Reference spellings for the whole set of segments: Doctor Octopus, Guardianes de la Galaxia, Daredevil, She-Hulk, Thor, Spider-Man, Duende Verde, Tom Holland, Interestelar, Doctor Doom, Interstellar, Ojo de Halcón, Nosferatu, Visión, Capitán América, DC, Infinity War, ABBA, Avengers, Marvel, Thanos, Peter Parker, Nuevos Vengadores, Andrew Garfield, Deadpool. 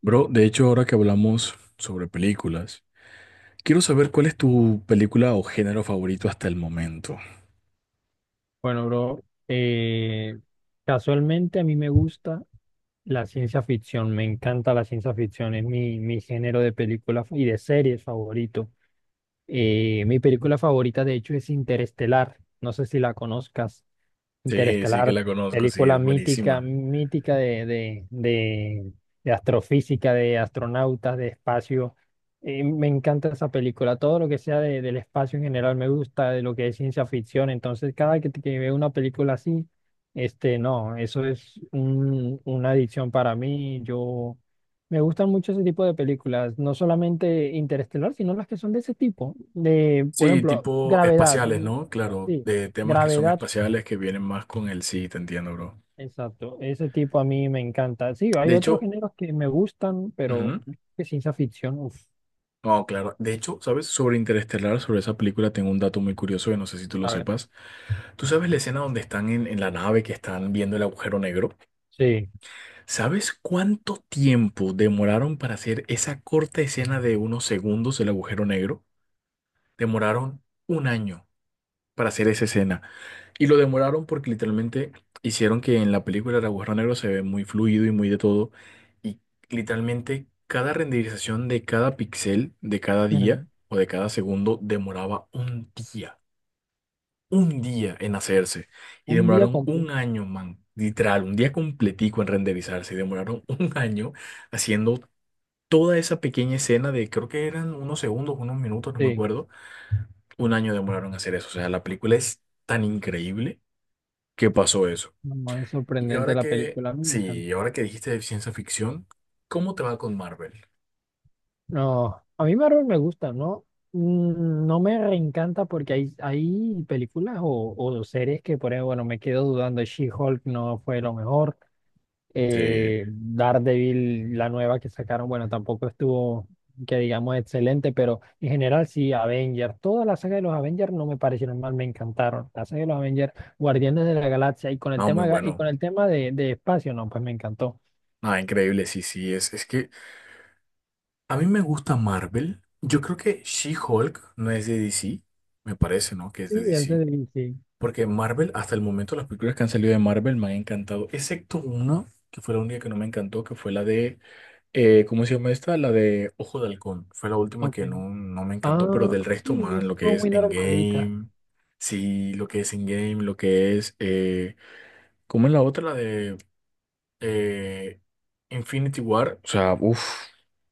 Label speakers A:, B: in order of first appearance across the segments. A: Bro, de hecho, ahora que hablamos sobre películas, quiero saber cuál es tu película o género favorito hasta el momento.
B: Bueno, bro, casualmente a mí me gusta la ciencia ficción, me encanta la ciencia ficción, es mi género de películas y de series favorito. Mi película favorita, de hecho, es Interestelar, no sé si la conozcas.
A: Sí, sí que
B: Interestelar,
A: la conozco, sí,
B: película
A: es
B: mítica,
A: buenísima.
B: mítica de astrofísica, de astronautas, de espacio. Me encanta esa película, todo lo que sea del espacio en general me gusta, de lo que es ciencia ficción, entonces cada que veo una película así, este, no, eso es una adicción para mí, yo me gustan mucho ese tipo de películas, no solamente Interestelar, sino las que son de ese tipo, de, por
A: Sí,
B: ejemplo,
A: tipo
B: Gravedad,
A: espaciales,
B: mm,
A: ¿no? Claro,
B: sí,
A: de temas que son
B: Gravedad,
A: espaciales que vienen más con el sí, te entiendo, bro.
B: exacto, ese tipo a mí me encanta, sí, hay
A: De
B: otros
A: hecho,
B: géneros que me gustan, pero
A: ujú,
B: que ciencia ficción, uf,
A: no, claro. De hecho, ¿sabes? Sobre Interestelar, sobre esa película, tengo un dato muy curioso que no sé si tú lo
B: a ver,
A: sepas. ¿Tú sabes la escena donde están en la nave que están viendo el agujero negro?
B: sí.
A: ¿Sabes cuánto tiempo demoraron para hacer esa corta escena de unos segundos del agujero negro? Demoraron un año para hacer esa escena. Y lo demoraron porque literalmente hicieron que en la película el agujero negro se ve muy fluido y muy de todo. Y literalmente cada renderización de cada pixel, de cada día o de cada segundo, demoraba un día en hacerse y
B: Un día
A: demoraron un
B: completo.
A: año, man, literal, un día completico en renderizarse y demoraron un año haciendo toda esa pequeña escena de creo que eran unos segundos, unos minutos, no me
B: Sí,
A: acuerdo. Un año demoraron en hacer eso, o sea, la película es tan increíble que pasó eso.
B: no, es
A: Y
B: sorprendente
A: ahora
B: la
A: que,
B: película, a mí me
A: sí,
B: encanta.
A: y ahora que dijiste de ciencia ficción, ¿cómo te va con Marvel?
B: No, a mí Marvel me gusta, ¿no? Mm, no me reencanta porque hay películas o series que, por ejemplo, bueno, me quedo dudando. She-Hulk no fue lo mejor.
A: Sí,
B: Daredevil, la nueva que sacaron, bueno, tampoco estuvo, que digamos, excelente, pero en general sí, Avengers. Toda la saga de los Avengers no me parecieron mal, me encantaron. La saga de los Avengers, Guardianes de la Galaxia, y con el
A: no, muy
B: tema, y con
A: bueno.
B: el tema de espacio, no, pues me encantó.
A: Ah, increíble, sí, sí, es que a mí me gusta Marvel. Yo creo que She-Hulk no es de DC. Me parece, ¿no? Que es
B: Sí,
A: de
B: es de
A: DC.
B: DC.
A: Porque Marvel, hasta el momento, las películas que han salido de Marvel me han encantado. Excepto una, que fue la única que no me encantó, que fue la de... ¿Cómo se llama esta? La de Ojo de Halcón. Fue la última
B: Ok.
A: que no, no me encantó. Pero
B: Ah,
A: del
B: sí,
A: resto, man, lo que
B: estuvo
A: es
B: muy normalita.
A: Endgame. Sí, lo que es Endgame, lo que es... ¿cómo es la otra? La de eh, Infinity War, o sea, uff,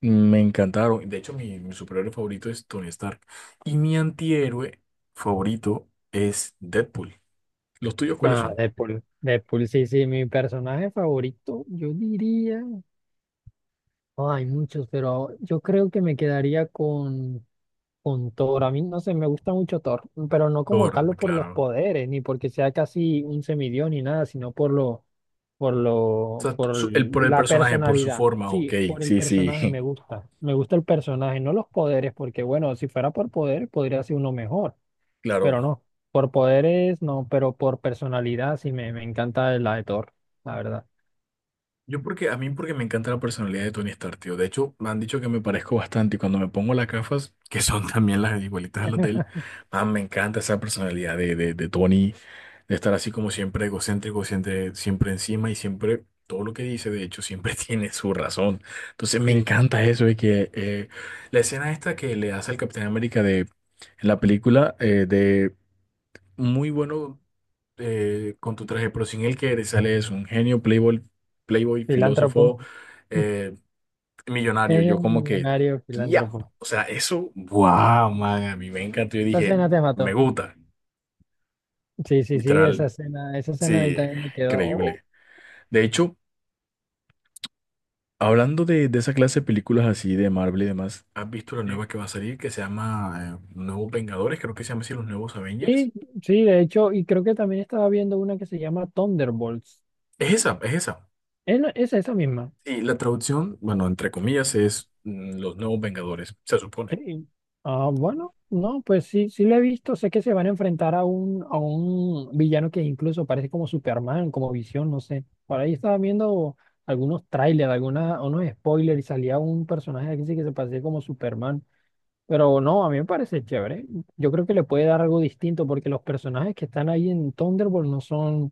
A: me encantaron. De hecho, mi superhéroe favorito es Tony Stark. Y mi antihéroe favorito es Deadpool. ¿Los tuyos cuáles
B: Nada,
A: son?
B: Deadpool. Deadpool, sí, sí, mi personaje favorito, yo diría. Oh, hay muchos, pero yo creo que me quedaría con Thor. A mí, no sé, me gusta mucho Thor, pero no como
A: Thor,
B: tal por los
A: claro.
B: poderes, ni porque sea casi un semidios ni nada, sino por
A: O
B: lo,
A: sea, tú-
B: por
A: su- el, por el
B: la
A: personaje, por su
B: personalidad.
A: forma, ok.
B: Sí, por el
A: Sí, sí,
B: personaje me gusta. Me gusta el personaje, no los poderes, porque bueno, si fuera por poder, podría ser uno mejor.
A: claro.
B: Pero no. Por poderes, no, pero por personalidad sí me encanta la de Thor, la verdad.
A: Yo porque, a mí porque me encanta la personalidad de Tony Stark, tío. De hecho, me han dicho que me parezco bastante y cuando me pongo las gafas, que son también las igualitas a las de él, man, me encanta esa personalidad de Tony. De estar así como siempre egocéntrico, siempre, siempre encima y siempre todo lo que dice, de hecho, siempre tiene su razón. Entonces me
B: Sí,
A: encanta eso de que la escena esta que le hace al Capitán América de en la película de muy bueno con tu traje, pero sin él que eres, sale es un genio, playboy, playboy, filósofo,
B: filántropo.
A: eh, millonario.
B: Ella es
A: Yo
B: un
A: como que,
B: millonario
A: ya,
B: filántropo.
A: o sea, eso, wow, man, a mí me encantó. Yo
B: Esa
A: dije,
B: escena te
A: me
B: mató.
A: gusta,
B: Sí, sí, sí,
A: literal,
B: esa escena a mí
A: sí,
B: también me quedó. Oh.
A: increíble. De hecho, hablando de esa clase de películas así de Marvel y demás, ¿has visto la
B: Sí.
A: nueva que va a salir que se llama Nuevos Vengadores? Creo que se llama así Los Nuevos Avengers.
B: Sí, sí, de hecho, y creo que también estaba viendo una que se llama Thunderbolts.
A: Es esa, es esa.
B: Es, es esa misma.
A: Y la traducción, bueno, entre comillas, es Los Nuevos Vengadores, se supone.
B: Sí. Ah, bueno, no, pues sí, sí lo he visto. Sé que se van a enfrentar a a un villano que incluso parece como Superman, como Visión, no sé. Por ahí estaba viendo algunos trailers, alguna, unos spoilers y salía un personaje aquí sí que se parecía como Superman. Pero no, a mí me parece chévere. Yo creo que le puede dar algo distinto porque los personajes que están ahí en Thunderbolt no son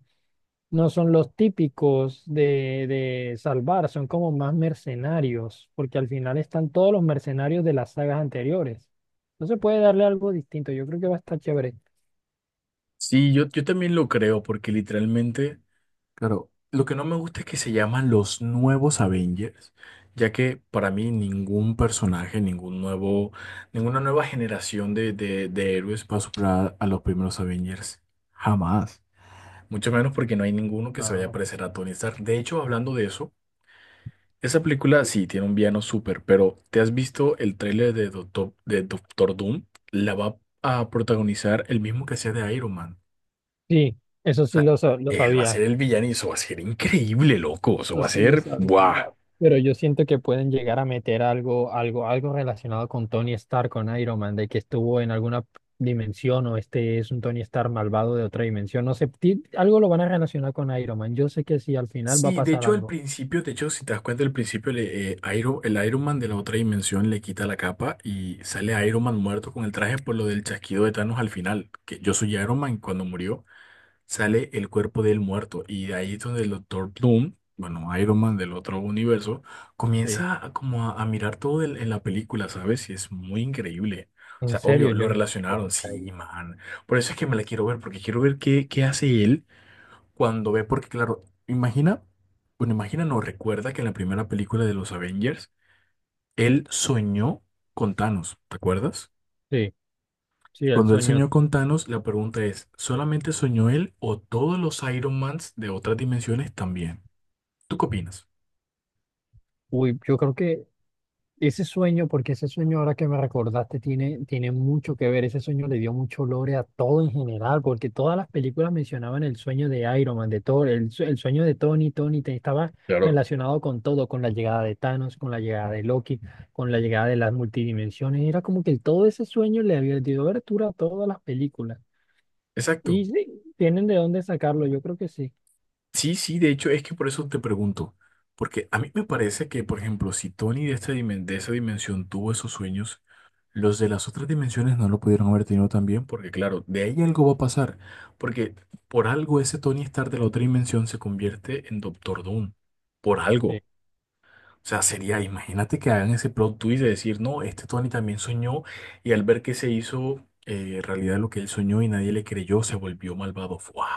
B: no son los típicos de salvar, son como más mercenarios, porque al final están todos los mercenarios de las sagas anteriores. Entonces puede darle algo distinto, yo creo que va a estar chévere.
A: Sí, yo también lo creo, porque literalmente claro, lo que no me gusta es que se llaman los nuevos Avengers, ya que para mí ningún personaje, ningún nuevo, ninguna nueva generación de héroes va a superar a los primeros Avengers. Jamás. Mucho menos porque no hay ninguno que se vaya a
B: No.
A: parecer a Tony Stark. De hecho, hablando de eso, esa película sí tiene un villano súper, pero ¿te has visto el tráiler de Doctor Doom? La va a protagonizar el mismo que hacía de Iron Man.
B: Sí, eso
A: O
B: sí
A: sea,
B: lo, lo
A: él va a ser
B: sabía,
A: el villano y eso va a ser increíble, loco. Eso
B: eso
A: va a
B: sí lo
A: ser,
B: sabía,
A: ¡buah!
B: pero yo siento que pueden llegar a meter algo, algo, algo relacionado con Tony Stark, con Iron Man, de que estuvo en alguna dimensión o este es un Tony Stark malvado de otra dimensión, no sé, algo lo van a relacionar con Iron Man, yo sé que sí, al final va a
A: Sí, de
B: pasar
A: hecho al
B: algo.
A: principio, de hecho si te das cuenta al principio le- Iron, el Iron Man de la otra dimensión le quita la capa y sale Iron Man muerto con el traje por lo del chasquido de Thanos al final, que yo soy Iron Man cuando murió. Sale el cuerpo del muerto y de ahí es donde el Doctor Doom, bueno, Iron Man del otro universo,
B: Sí.
A: comienza a, como a mirar todo el- en la película, ¿sabes? Y es muy increíble. O
B: En
A: sea,
B: serio,
A: obvio, lo
B: yo no he visto
A: relacionaron,
B: ese
A: sí,
B: trailer.
A: man. Por eso es que me la quiero ver, porque quiero ver qué, qué hace él cuando ve, porque claro, imagina, bueno, imagina, no, recuerda que en la primera película de los Avengers, él soñó con Thanos, ¿te acuerdas?
B: Sí, sí, el
A: Cuando él
B: sueño.
A: soñó con Thanos, la pregunta es, ¿solamente soñó él o todos los Iron Mans de otras dimensiones también? ¿Tú qué opinas?
B: Uy, yo creo que ese sueño, porque ese sueño ahora que me recordaste tiene mucho que ver. Ese sueño le dio mucho lore a todo en general, porque todas las películas mencionaban el sueño de Iron Man, de Thor, el, el sueño de Tony, Tony estaba relacionado con todo, con la llegada de Thanos, con la llegada de Loki, con la llegada de las multidimensiones. Era como que todo ese sueño le había dio abertura a todas las películas.
A: Exacto.
B: Y sí, tienen de dónde sacarlo, yo creo que sí.
A: Sí, sí, de hecho es que por eso te pregunto, porque a mí me parece que, por ejemplo, si Tony de, esta dimen- de esa dimensión tuvo esos sueños, los de las otras dimensiones no lo pudieron haber tenido también, porque claro, de ahí algo va a pasar, porque por algo ese Tony Stark de la otra dimensión se convierte en Doctor Doom, por algo. O sea, sería, imagínate que hagan ese plot twist de decir, no, este Tony también soñó y al ver que se hizo realidad lo que él soñó y nadie le creyó, se volvió malvado. ¡Fua!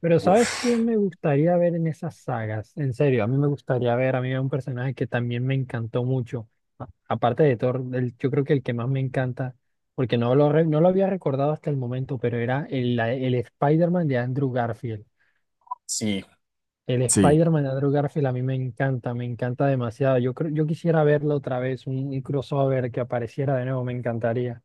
B: Pero ¿sabes quién
A: Uf,
B: me gustaría ver en esas sagas? En serio, a mí me gustaría ver, a mí hay un personaje que también me encantó mucho. Aparte de Thor, yo creo que el que más me encanta, porque no lo, no lo había recordado hasta el momento, pero era el, el Spider-Man de Andrew Garfield.
A: sí,
B: El
A: sí.
B: Spider-Man de Andrew Garfield a mí me encanta demasiado. Yo creo, yo quisiera verlo otra vez, un crossover que apareciera de nuevo, me encantaría.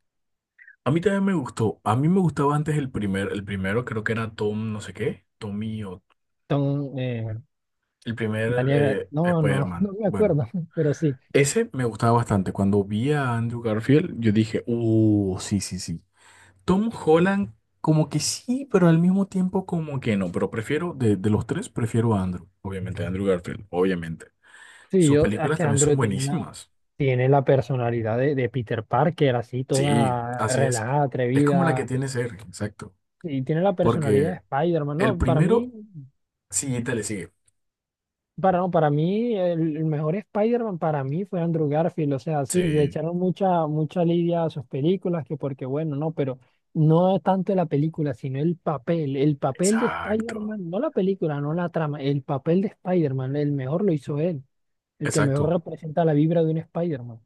A: A mí también me gustó. A mí me gustaba antes el primer, el primero creo que era Tom, no sé qué, Tommy o
B: Tom,
A: el primer
B: Daniel, no, no,
A: Spider-Man.
B: no me
A: Bueno,
B: acuerdo, pero sí.
A: ese me gustaba bastante. Cuando vi a Andrew Garfield, yo dije, sí, sí, sí. Tom Holland, como que sí, pero al mismo tiempo como que no. Pero prefiero, de los tres, prefiero a Andrew. Obviamente, Andrew Garfield, obviamente.
B: Sí,
A: Sus
B: yo, es
A: películas
B: que
A: también son
B: Andrew tiene una,
A: buenísimas.
B: tiene la personalidad de Peter Parker, así
A: Sí,
B: toda
A: así es.
B: relajada,
A: Es como la que
B: atrevida.
A: tiene ser, exacto.
B: Y tiene la personalidad de
A: Porque
B: Spider-Man.
A: el
B: No, para mí,
A: primero, sí, te le sigue.
B: para, no, para mí, el mejor Spider-Man para mí fue Andrew Garfield. O sea, sí, le
A: Sí,
B: echaron mucha, mucha lidia a sus películas, que porque bueno, no, pero no es tanto la película, sino el papel. El papel de
A: exacto.
B: Spider-Man, no la película, no la trama, el papel de Spider-Man, el mejor lo hizo él, el que mejor
A: Exacto.
B: representa la vibra de un Spider-Man.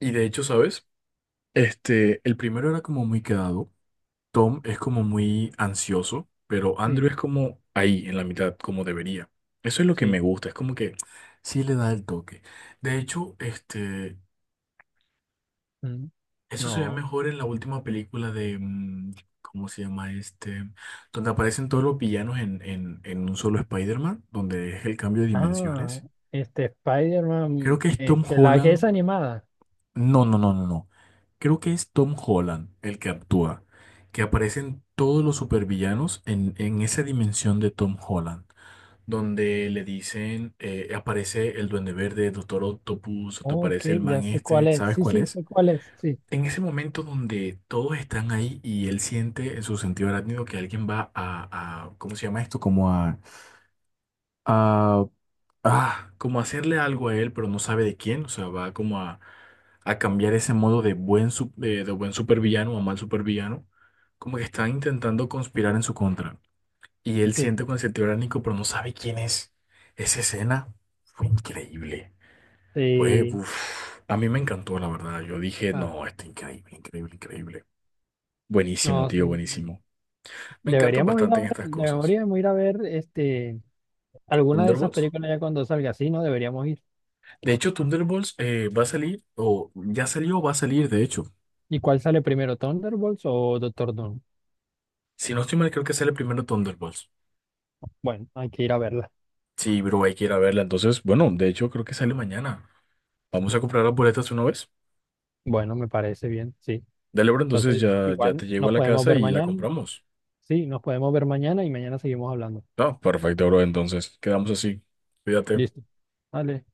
A: Y de hecho, ¿sabes? Este, el primero era como muy quedado. Tom es como muy ansioso, pero
B: Sí,
A: Andrew es como ahí, en la mitad, como debería. Eso es lo que
B: sí.
A: me gusta, es como que sí le da el toque. De hecho, este,
B: Mm.
A: eso se ve
B: No.
A: mejor en la última película de, ¿cómo se llama este? Donde aparecen todos los villanos en un solo Spider-Man, donde es el cambio de
B: Ah,
A: dimensiones.
B: este
A: Creo
B: Spider-Man,
A: que es Tom
B: este, la que es
A: Holland.
B: animada.
A: No, no, no, no, no. Creo que es Tom Holland el que actúa, que aparecen todos los supervillanos en esa dimensión de Tom Holland, donde le dicen, aparece el Duende Verde, Doctor Octopus, o te
B: Ok,
A: aparece el
B: ya
A: man
B: sé cuál
A: este,
B: es.
A: ¿sabes
B: Sí,
A: cuál
B: sí,
A: es?
B: sé cuál es. Sí,
A: En ese momento donde todos están ahí y él siente en su sentido arácnido que alguien va a- ¿cómo se llama esto? Como a ah, como hacerle algo a él, pero no sabe de quién, o sea, va como a cambiar ese modo de buen, su- de buen supervillano a mal supervillano, como que están intentando conspirar en su contra. Y él
B: sí,
A: siente con ese tiránico, pero no sabe quién es. Esa escena fue increíble. Fue,
B: sí.
A: uff, a mí me encantó, la verdad. Yo dije,
B: Ah,
A: no, está increíble, increíble, increíble. Buenísimo,
B: no, sí.
A: tío, buenísimo. Me encantan
B: Deberíamos ir a
A: bastante en
B: ver,
A: estas cosas.
B: deberíamos ir a ver este, alguna de esas
A: Thunderbolts.
B: películas ya cuando salga. Sí, no, deberíamos ir.
A: De hecho, Thunderbolts va a salir, o ya salió, va a salir, de hecho.
B: ¿Y cuál sale primero, Thunderbolts o Doctor Doom?
A: Si no estoy mal, creo que sale primero Thunderbolts.
B: Bueno, hay que ir a verla.
A: Sí, bro, hay que ir a verla. Entonces, bueno, de hecho, creo que sale mañana. Vamos a comprar las boletas una vez.
B: Bueno, me parece bien, sí.
A: Dale, bro, entonces
B: Entonces,
A: ya, ya
B: igual
A: te llego a
B: nos
A: la
B: podemos
A: casa
B: ver
A: y la
B: mañana.
A: compramos.
B: Sí, nos podemos ver mañana y mañana seguimos hablando.
A: Ah, perfecto, bro. Entonces, quedamos así. Cuídate.
B: Listo. Vale.